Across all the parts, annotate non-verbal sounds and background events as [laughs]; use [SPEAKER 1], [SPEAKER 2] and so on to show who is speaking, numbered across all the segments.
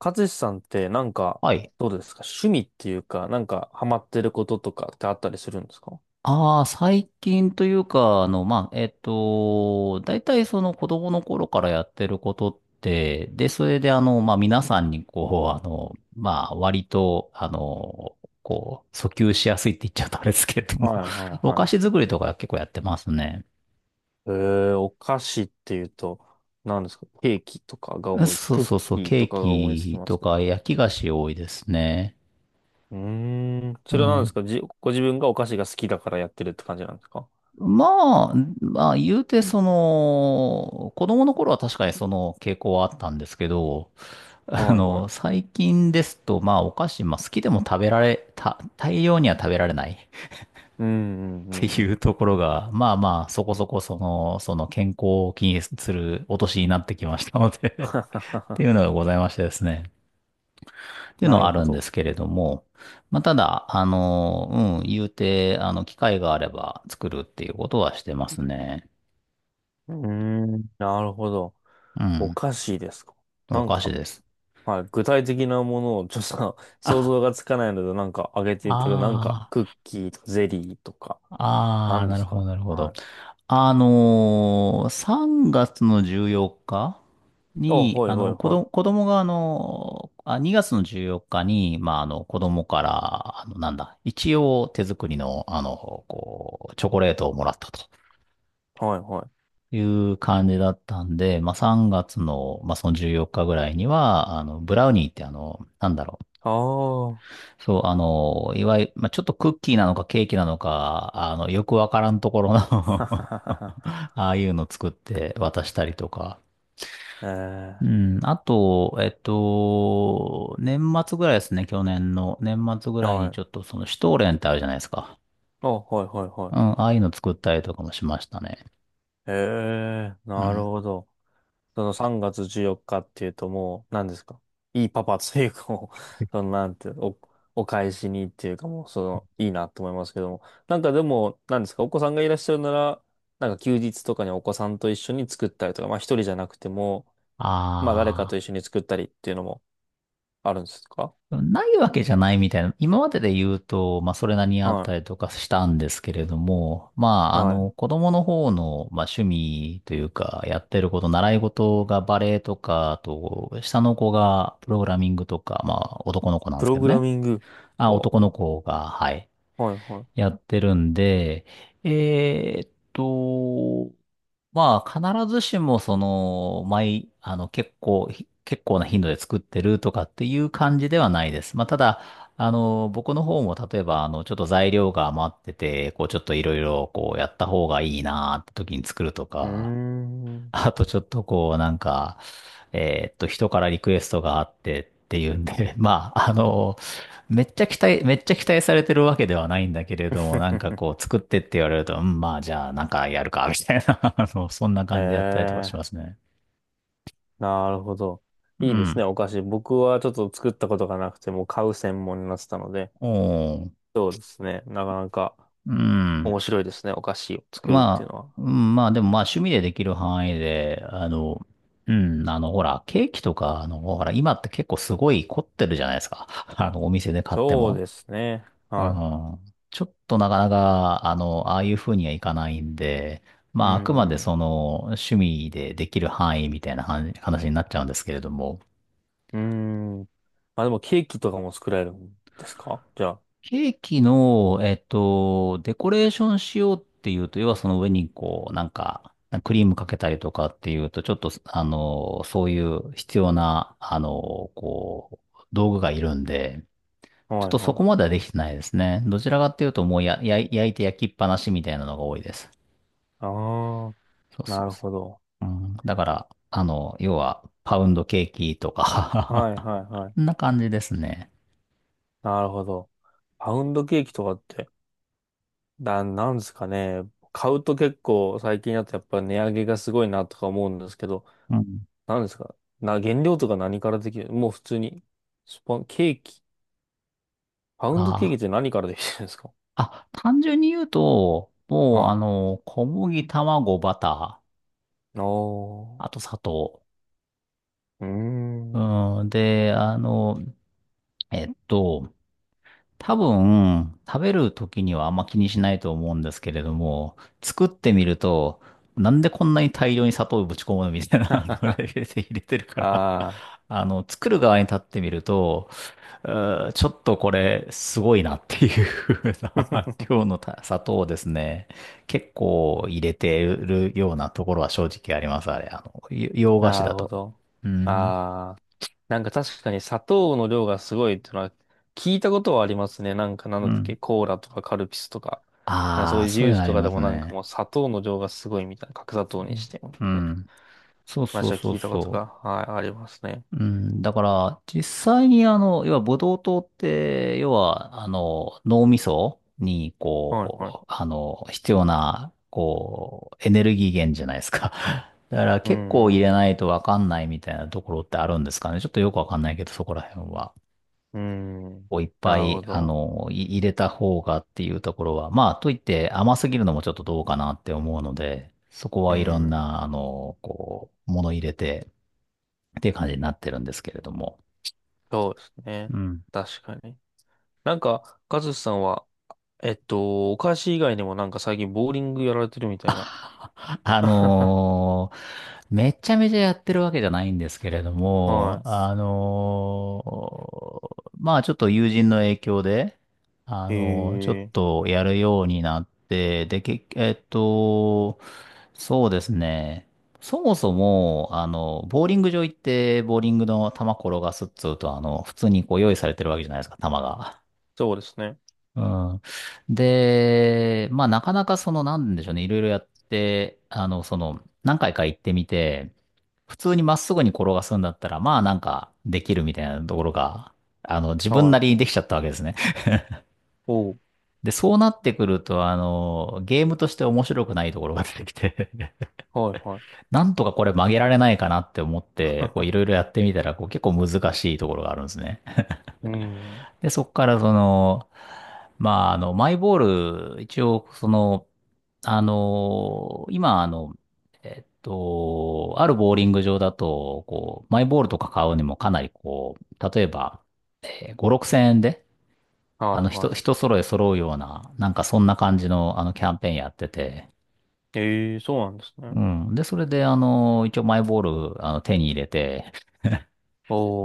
[SPEAKER 1] 勝さんってなんか、
[SPEAKER 2] はい。
[SPEAKER 1] どうですか？趣味っていうか、なんかハマってることとかってあったりするんですか？
[SPEAKER 2] ああ、最近というか、まあ、大体その子供の頃からやってることって、で、それでまあ、皆さんにこう、まあ、割と、こう、訴求しやすいって言っちゃうとあれですけれども、
[SPEAKER 1] はいは
[SPEAKER 2] [laughs]
[SPEAKER 1] い
[SPEAKER 2] お
[SPEAKER 1] は
[SPEAKER 2] 菓
[SPEAKER 1] い。
[SPEAKER 2] 子作りとか結構やってますね。
[SPEAKER 1] えー、お菓子っていうと、何ですかケーキとかが思いつ、
[SPEAKER 2] そう
[SPEAKER 1] クッ
[SPEAKER 2] そうそ
[SPEAKER 1] キ
[SPEAKER 2] う、
[SPEAKER 1] ー
[SPEAKER 2] ケ
[SPEAKER 1] と
[SPEAKER 2] ー
[SPEAKER 1] かが思いつき
[SPEAKER 2] キ
[SPEAKER 1] ま
[SPEAKER 2] と
[SPEAKER 1] すけど。
[SPEAKER 2] か焼き菓子多いですね。
[SPEAKER 1] うーん。
[SPEAKER 2] う
[SPEAKER 1] それは何です
[SPEAKER 2] ん。
[SPEAKER 1] かご自分がお菓子が好きだからやってるって感じなんですか？
[SPEAKER 2] まあ、まあ、言うて、その、子供の頃は確かにその傾向はあったんですけど、
[SPEAKER 1] はいはい。
[SPEAKER 2] 最近ですと、まあ、お菓子、まあ、好きでも食べられ、た、大量には食べられない [laughs] っ
[SPEAKER 1] うんうんう
[SPEAKER 2] て
[SPEAKER 1] んう
[SPEAKER 2] いう
[SPEAKER 1] ん。
[SPEAKER 2] ところが、まあまあ、そこそこ、その健康を気にするお年になってきましたので [laughs] っ
[SPEAKER 1] [laughs]
[SPEAKER 2] ていうのがございましてですね。っていうの
[SPEAKER 1] な
[SPEAKER 2] は
[SPEAKER 1] る
[SPEAKER 2] あ
[SPEAKER 1] ほ
[SPEAKER 2] るんで
[SPEAKER 1] ど。
[SPEAKER 2] すけれども、まあ、ただ、うん、言うて、機会があれば作るっていうことはしてますね。
[SPEAKER 1] うーん。なるほど。
[SPEAKER 2] う
[SPEAKER 1] お
[SPEAKER 2] ん、
[SPEAKER 1] 菓子ですか？
[SPEAKER 2] お
[SPEAKER 1] なん
[SPEAKER 2] 菓子
[SPEAKER 1] か、
[SPEAKER 2] です。
[SPEAKER 1] はい。具体的なものをちょっと [laughs] 想像がつかないので、なんかあげていただくなんか
[SPEAKER 2] あ
[SPEAKER 1] クッキーとかゼリーとか、
[SPEAKER 2] あ、ああ、
[SPEAKER 1] 何で
[SPEAKER 2] なる
[SPEAKER 1] す
[SPEAKER 2] ほ
[SPEAKER 1] か？
[SPEAKER 2] ど、なるほ
[SPEAKER 1] は
[SPEAKER 2] ど。
[SPEAKER 1] い。
[SPEAKER 2] 3月の14日
[SPEAKER 1] あ、
[SPEAKER 2] に、
[SPEAKER 1] はいはいは
[SPEAKER 2] 子供が、あ、2月の14日に、まあ、子供から、なんだ、一応手作りの、こう、チョコレートをもらったと
[SPEAKER 1] い。はいはい。
[SPEAKER 2] いう感じだったんで、まあ、3月の、まあ、その14日ぐらいには、ブラウニーって、なんだろう、
[SPEAKER 1] ああ。[laughs]
[SPEAKER 2] そう、いわゆる、まあ、ちょっとクッキーなのかケーキなのか、よくわからんところの
[SPEAKER 1] はは
[SPEAKER 2] [laughs]
[SPEAKER 1] はは。
[SPEAKER 2] ああいうの作って渡したりとか。う
[SPEAKER 1] え
[SPEAKER 2] ん。あと、年末ぐらいですね、去年の。年末ぐ
[SPEAKER 1] えー。
[SPEAKER 2] らい
[SPEAKER 1] は
[SPEAKER 2] にちょっ
[SPEAKER 1] い。
[SPEAKER 2] とその、シュトーレンってあるじゃないですか。
[SPEAKER 1] あ、はいはいは
[SPEAKER 2] うん。
[SPEAKER 1] い。
[SPEAKER 2] ああいうの作ったりとかもしましたね。
[SPEAKER 1] ええー、
[SPEAKER 2] う
[SPEAKER 1] なる
[SPEAKER 2] ん。
[SPEAKER 1] ほど。その3月14日っていうともう、何ですか？いいパパというかもう、[laughs] そのなんていうの、お返しにっていうかもう、その、いいなと思いますけども。なんかでも、何ですか？お子さんがいらっしゃるなら、なんか休日とかにお子さんと一緒に作ったりとか、まあ一人じゃなくても、まあ誰かと
[SPEAKER 2] あ
[SPEAKER 1] 一緒に作ったりっていうのもあるんですか？
[SPEAKER 2] ないわけじゃないみたいな、今までで言うと、まあ、それなりにあっ
[SPEAKER 1] は
[SPEAKER 2] たりとかしたんですけれども、ま
[SPEAKER 1] い。
[SPEAKER 2] あ、
[SPEAKER 1] はい。
[SPEAKER 2] 子供の方の、まあ、趣味というか、やってること、習い事がバレエとか、あと、下の子がプログラミングとか、まあ、男の子なんで
[SPEAKER 1] プ
[SPEAKER 2] すけ
[SPEAKER 1] ロ
[SPEAKER 2] ど
[SPEAKER 1] グラ
[SPEAKER 2] ね。
[SPEAKER 1] ミング。
[SPEAKER 2] あ、
[SPEAKER 1] はあ
[SPEAKER 2] 男の子が、はい、
[SPEAKER 1] はいは
[SPEAKER 2] や
[SPEAKER 1] い。
[SPEAKER 2] ってるんで、えーっと、まあ、必ずしも、その、結構な頻度で作ってるとかっていう感じではないです。まあ、ただ、僕の方も、例えば、ちょっと材料が余ってて、こう、ちょっといろいろ、こう、やった方がいいなーって時に作ると
[SPEAKER 1] うー
[SPEAKER 2] か、
[SPEAKER 1] ん。
[SPEAKER 2] あとちょっとこう、なんか、人からリクエストがあってっていうんで、[laughs] まあ、めっちゃ期待されてるわけではないんだけれども、なんか
[SPEAKER 1] [laughs]
[SPEAKER 2] こう、作ってって言われると、うん、まあ、じゃあ、なんかやるか、みたいな、[laughs] そんな
[SPEAKER 1] へ
[SPEAKER 2] 感じでやったりとかし
[SPEAKER 1] え。
[SPEAKER 2] ますね。
[SPEAKER 1] なるほど。
[SPEAKER 2] う
[SPEAKER 1] いいです
[SPEAKER 2] ん。
[SPEAKER 1] ね、お菓子。僕はちょっと作ったことがなくて、もう買う専門になってたので、
[SPEAKER 2] おー。
[SPEAKER 1] そうですね。なかなか
[SPEAKER 2] う
[SPEAKER 1] 面
[SPEAKER 2] ん。
[SPEAKER 1] 白いですね、お菓子を作るっていう
[SPEAKER 2] まあ、
[SPEAKER 1] のは。
[SPEAKER 2] うん、まあ、でもまあ、趣味でできる範囲で、うん、ほら、ケーキとか、ほら、今って結構すごい凝ってるじゃないですか。[laughs] お店で買って
[SPEAKER 1] そう
[SPEAKER 2] も。
[SPEAKER 1] ですね。
[SPEAKER 2] う
[SPEAKER 1] は
[SPEAKER 2] んちょっとなかなか、ああいう風にはいかないんで、
[SPEAKER 1] い。う
[SPEAKER 2] まあ、あくまで
[SPEAKER 1] ん。
[SPEAKER 2] その、趣味でできる範囲みたいな話話になっちゃうんですけれども、
[SPEAKER 1] うん。うん、まあでもケーキとかも作られるんですかじゃ
[SPEAKER 2] ケーキの、デコレーションしようっていうと、要はその上にこう、なんか、クリームかけたりとかっていうと、ちょっと、そういう必要な、こう、道具がいるんで、
[SPEAKER 1] あ？
[SPEAKER 2] ちょ
[SPEAKER 1] は
[SPEAKER 2] っ
[SPEAKER 1] い
[SPEAKER 2] とそ
[SPEAKER 1] は
[SPEAKER 2] こま
[SPEAKER 1] い。
[SPEAKER 2] ではできてないですね。どちらかっていうと、もう焼いて焼きっぱなしみたいなのが多いです。
[SPEAKER 1] ああ、
[SPEAKER 2] そうそ
[SPEAKER 1] な
[SPEAKER 2] う
[SPEAKER 1] る
[SPEAKER 2] そ
[SPEAKER 1] ほど。
[SPEAKER 2] う。うん、だから、要は、パウンドケーキと
[SPEAKER 1] は
[SPEAKER 2] か
[SPEAKER 1] いはいは
[SPEAKER 2] [laughs] そん
[SPEAKER 1] い。
[SPEAKER 2] な感じですね。
[SPEAKER 1] なるほど。パウンドケーキとかって、なんですかね。買うと結構最近だとやっぱ値上げがすごいなとか思うんですけど、
[SPEAKER 2] うん。
[SPEAKER 1] 何ですか原料とか何からできるもう普通に。スパン、ケーキ。パウンドケーキっ
[SPEAKER 2] あー
[SPEAKER 1] て何からできてるんですか？
[SPEAKER 2] 単純に言うと、もう、
[SPEAKER 1] は
[SPEAKER 2] 小麦、卵、バター、
[SPEAKER 1] い。お
[SPEAKER 2] あと砂糖。
[SPEAKER 1] ー。うーん。
[SPEAKER 2] うん、で、えっと、多分、食べる時にはあんま気にしないと思うんですけれども、作ってみると、なんでこんなに大量に砂糖をぶち込むのみたいな、あのレ
[SPEAKER 1] [laughs]
[SPEAKER 2] ベルで [laughs] 入れてる
[SPEAKER 1] あ
[SPEAKER 2] から
[SPEAKER 1] あ。
[SPEAKER 2] 作る側に立ってみると、ちょっとこれ、すごいなっていう風な [laughs]、
[SPEAKER 1] [laughs]
[SPEAKER 2] 今日のた砂糖をですね、結構入れてるようなところは正直あります、あれ。洋菓子
[SPEAKER 1] なる
[SPEAKER 2] だ
[SPEAKER 1] ほ
[SPEAKER 2] と。
[SPEAKER 1] ど。
[SPEAKER 2] うん。
[SPEAKER 1] ああ。なんか確かに砂糖の量がすごいっていうのは聞いたことはありますね。なんかなん
[SPEAKER 2] う
[SPEAKER 1] だったっけ？
[SPEAKER 2] ん。
[SPEAKER 1] コーラとかカルピスとか。なんかそ
[SPEAKER 2] あ
[SPEAKER 1] うい
[SPEAKER 2] あ、
[SPEAKER 1] うジ
[SPEAKER 2] そう
[SPEAKER 1] ュ
[SPEAKER 2] い
[SPEAKER 1] ー
[SPEAKER 2] うの
[SPEAKER 1] ス
[SPEAKER 2] あ
[SPEAKER 1] と
[SPEAKER 2] り
[SPEAKER 1] か
[SPEAKER 2] ま
[SPEAKER 1] で
[SPEAKER 2] す
[SPEAKER 1] もなんか
[SPEAKER 2] ね。
[SPEAKER 1] もう砂糖の量がすごいみたいな。角砂
[SPEAKER 2] う
[SPEAKER 1] 糖に
[SPEAKER 2] ん
[SPEAKER 1] してみ
[SPEAKER 2] う
[SPEAKER 1] たいな
[SPEAKER 2] ん。そうそ
[SPEAKER 1] 話
[SPEAKER 2] う
[SPEAKER 1] は
[SPEAKER 2] そう
[SPEAKER 1] 聞いたこと
[SPEAKER 2] そ
[SPEAKER 1] が、
[SPEAKER 2] う。
[SPEAKER 1] はい、ありますね。
[SPEAKER 2] うん、だから、実際に要は、ブドウ糖って、要は、脳みそに、
[SPEAKER 1] はいはい。
[SPEAKER 2] こう、必要な、こう、エネルギー源じゃないですか。[laughs] だから、
[SPEAKER 1] う
[SPEAKER 2] 結構入
[SPEAKER 1] ん。
[SPEAKER 2] れないとわかんないみたいなところってあるんですかね。ちょっとよくわかんないけど、そこら辺は。
[SPEAKER 1] うん。
[SPEAKER 2] こういっぱ
[SPEAKER 1] なる
[SPEAKER 2] い、
[SPEAKER 1] ほど。
[SPEAKER 2] 入れた方がっていうところは、まあ、といって甘すぎるのもちょっとどうかなって思うので、そこ
[SPEAKER 1] う
[SPEAKER 2] はいろん
[SPEAKER 1] ん。
[SPEAKER 2] な、こう、もの入れて、っていう感じになってるんですけれども。
[SPEAKER 1] そうですね。
[SPEAKER 2] うん
[SPEAKER 1] 確かに。なんか、カズさんは、お菓子以外にもなんか最近ボーリングやられてるみたいな。
[SPEAKER 2] あ
[SPEAKER 1] [laughs]
[SPEAKER 2] のーめちゃめちゃやってるわけじゃないんですけれども、
[SPEAKER 1] は
[SPEAKER 2] まあちょっと友人の影響で、
[SPEAKER 1] い。え
[SPEAKER 2] ちょっ
[SPEAKER 1] え、
[SPEAKER 2] とやるようになって、で、そうですね。そもそも、ボーリング場行って、ボーリングの球転がすっつうと、普通にこう用意されてるわけじゃないですか、球が。
[SPEAKER 1] そうですね。
[SPEAKER 2] うん。で、まあなかなかその、なんでしょうね、いろいろやって、その、何回か行ってみて、普通にまっすぐに転がすんだったら、まあなんかできるみたいなところが、自分な
[SPEAKER 1] は
[SPEAKER 2] りに
[SPEAKER 1] い。
[SPEAKER 2] できちゃったわけですね。
[SPEAKER 1] おう、
[SPEAKER 2] で、そうなってくると、ゲームとして面白くないところが出てきて [laughs]
[SPEAKER 1] はいは
[SPEAKER 2] なんとかこれ曲げられないかなって思って、こういろいろやってみたら、こう結構難しいところがあるんですね。
[SPEAKER 1] い。[laughs] うん。
[SPEAKER 2] で、そこからその、まあ、マイボール、一応、その、今、あるボーリング場だと、こう、マイボールとか買うにもかなりこう、例えば、5、6千円で、
[SPEAKER 1] はいは
[SPEAKER 2] 人、
[SPEAKER 1] い。
[SPEAKER 2] 人揃え揃うような、なんかそんな感じの、キャンペーンやってて、
[SPEAKER 1] ええ、そうなんです
[SPEAKER 2] う
[SPEAKER 1] ね。
[SPEAKER 2] ん。で、それで、一応マイボール、手に入れて、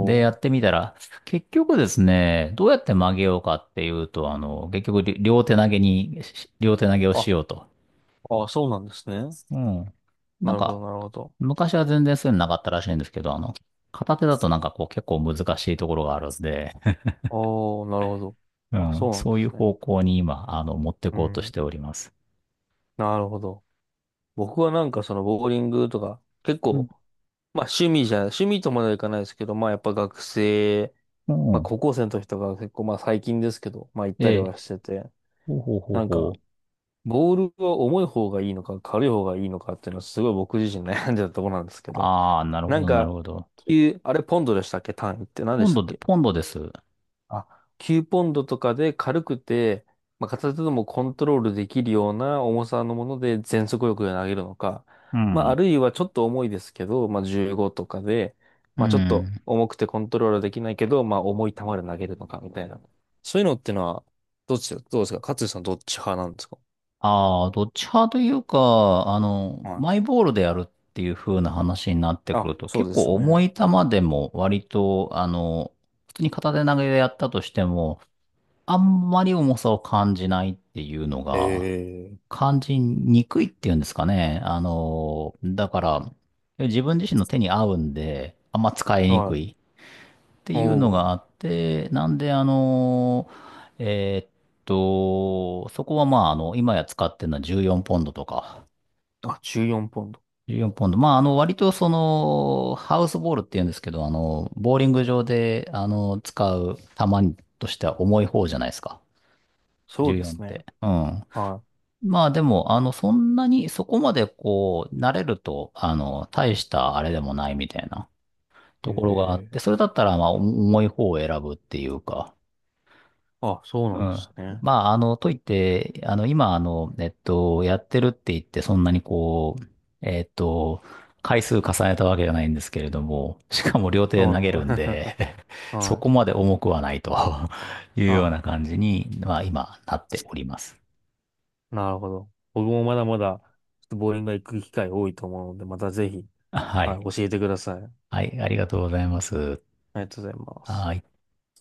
[SPEAKER 2] で、や
[SPEAKER 1] ー。
[SPEAKER 2] ってみたら、結局ですね、どうやって曲げようかっていうと、結局、り両手投げに、し両手投げを
[SPEAKER 1] あ、
[SPEAKER 2] しようと。
[SPEAKER 1] あ、そうなんですね。
[SPEAKER 2] うん。
[SPEAKER 1] な
[SPEAKER 2] なん
[SPEAKER 1] るほど、
[SPEAKER 2] か、
[SPEAKER 1] なるほど。
[SPEAKER 2] 昔は全然そういうのなかったらしいんですけど、片手だとなんかこう結構難しいところがあるんで、[laughs]
[SPEAKER 1] おー、なるほど。
[SPEAKER 2] う
[SPEAKER 1] あ、
[SPEAKER 2] ん、
[SPEAKER 1] そうなん
[SPEAKER 2] そ
[SPEAKER 1] で
[SPEAKER 2] ういう
[SPEAKER 1] すね。
[SPEAKER 2] 方向に今、持って
[SPEAKER 1] う
[SPEAKER 2] こうとし
[SPEAKER 1] ん。
[SPEAKER 2] ております。
[SPEAKER 1] なるほど。僕はなんかそのボーリングとか、結
[SPEAKER 2] う
[SPEAKER 1] 構、
[SPEAKER 2] ん。
[SPEAKER 1] 趣味とまではいかないですけど、まあやっぱ学生、
[SPEAKER 2] う
[SPEAKER 1] まあ
[SPEAKER 2] ん。
[SPEAKER 1] 高校生の時とか結構まあ最近ですけど、まあ行っ
[SPEAKER 2] え
[SPEAKER 1] たり
[SPEAKER 2] え。
[SPEAKER 1] はしてて、
[SPEAKER 2] ほうほうほう
[SPEAKER 1] なん
[SPEAKER 2] ほ
[SPEAKER 1] か、
[SPEAKER 2] う。
[SPEAKER 1] ボールは重い方がいいのか軽い方がいいのかっていうのはすごい僕自身悩んでたところなんですけど、
[SPEAKER 2] ああ、なる
[SPEAKER 1] な
[SPEAKER 2] ほ
[SPEAKER 1] ん
[SPEAKER 2] ど、なる
[SPEAKER 1] か、
[SPEAKER 2] ほど。
[SPEAKER 1] 球、あれポンドでしたっけ？単位って何で
[SPEAKER 2] ポン
[SPEAKER 1] した
[SPEAKER 2] ド
[SPEAKER 1] っ
[SPEAKER 2] で、
[SPEAKER 1] け？
[SPEAKER 2] ポンドです。う
[SPEAKER 1] あ、9ポンドとかで軽くて、まあ、片手でもコントロールできるような重さのもので全速力で投げるのか、まあ、あ
[SPEAKER 2] ん。
[SPEAKER 1] るいはちょっと重いですけど、まあ、15とかで、
[SPEAKER 2] う
[SPEAKER 1] まあ、ちょっと
[SPEAKER 2] ん。
[SPEAKER 1] 重くてコントロールできないけど、まあ、重い球で投げるのかみたいな。そういうのってのは、どっちだ、どうですか勝地さんどっち派なんですか？
[SPEAKER 2] ああ、どっち派というか、
[SPEAKER 1] はい。
[SPEAKER 2] マイボールでやるっていう風な話になってく
[SPEAKER 1] あ、
[SPEAKER 2] ると、
[SPEAKER 1] そう
[SPEAKER 2] 結
[SPEAKER 1] です
[SPEAKER 2] 構
[SPEAKER 1] よ
[SPEAKER 2] 重
[SPEAKER 1] ね。
[SPEAKER 2] い球でも割と、普通に片手投げでやったとしても、あんまり重さを感じないっていうのが、
[SPEAKER 1] ええ
[SPEAKER 2] 感じにくいっていうんですかね。だから、自分自身の手に合うんで、あんま使いに
[SPEAKER 1] は
[SPEAKER 2] く
[SPEAKER 1] い。
[SPEAKER 2] い。って
[SPEAKER 1] お
[SPEAKER 2] いうのが
[SPEAKER 1] お。
[SPEAKER 2] あって、なんで、えーっそこはまあ、今や使ってるのは14ポンドとか、
[SPEAKER 1] あ、14ポンド。
[SPEAKER 2] 14ポンド。まあ、割とその、ハウスボールっていうんですけど、ボーリング場で、使う球としては重い方じゃないですか。
[SPEAKER 1] そうで
[SPEAKER 2] 14っ
[SPEAKER 1] すね。
[SPEAKER 2] て。うん。
[SPEAKER 1] は
[SPEAKER 2] まあでも、そんなに、そこまでこう、慣れると、大したあれでもないみたいなところがあって、
[SPEAKER 1] い。
[SPEAKER 2] そ
[SPEAKER 1] ええ
[SPEAKER 2] れだったら、まあ、重い方を選ぶっていうか、
[SPEAKER 1] あ、そう
[SPEAKER 2] う
[SPEAKER 1] なんで
[SPEAKER 2] ん。
[SPEAKER 1] すね。
[SPEAKER 2] まあ、といって、今、やってるって言って、そんなにこう、えっと、回数重ねたわけじゃないんですけれども、しかも両手で投げるん
[SPEAKER 1] は
[SPEAKER 2] で、[laughs]
[SPEAKER 1] い [laughs]
[SPEAKER 2] そ
[SPEAKER 1] は
[SPEAKER 2] こ
[SPEAKER 1] い。
[SPEAKER 2] まで重くはないと [laughs] いうよう
[SPEAKER 1] あ、
[SPEAKER 2] な感じに、まあ、今、なっております。
[SPEAKER 1] なるほど。僕もまだまだ、ちょっとボーリングが行く機会多いと思うので、またぜひ、
[SPEAKER 2] は
[SPEAKER 1] はい、
[SPEAKER 2] い。
[SPEAKER 1] 教えてください。あ
[SPEAKER 2] はい、ありがとうございます。
[SPEAKER 1] りがとうございます。
[SPEAKER 2] はい。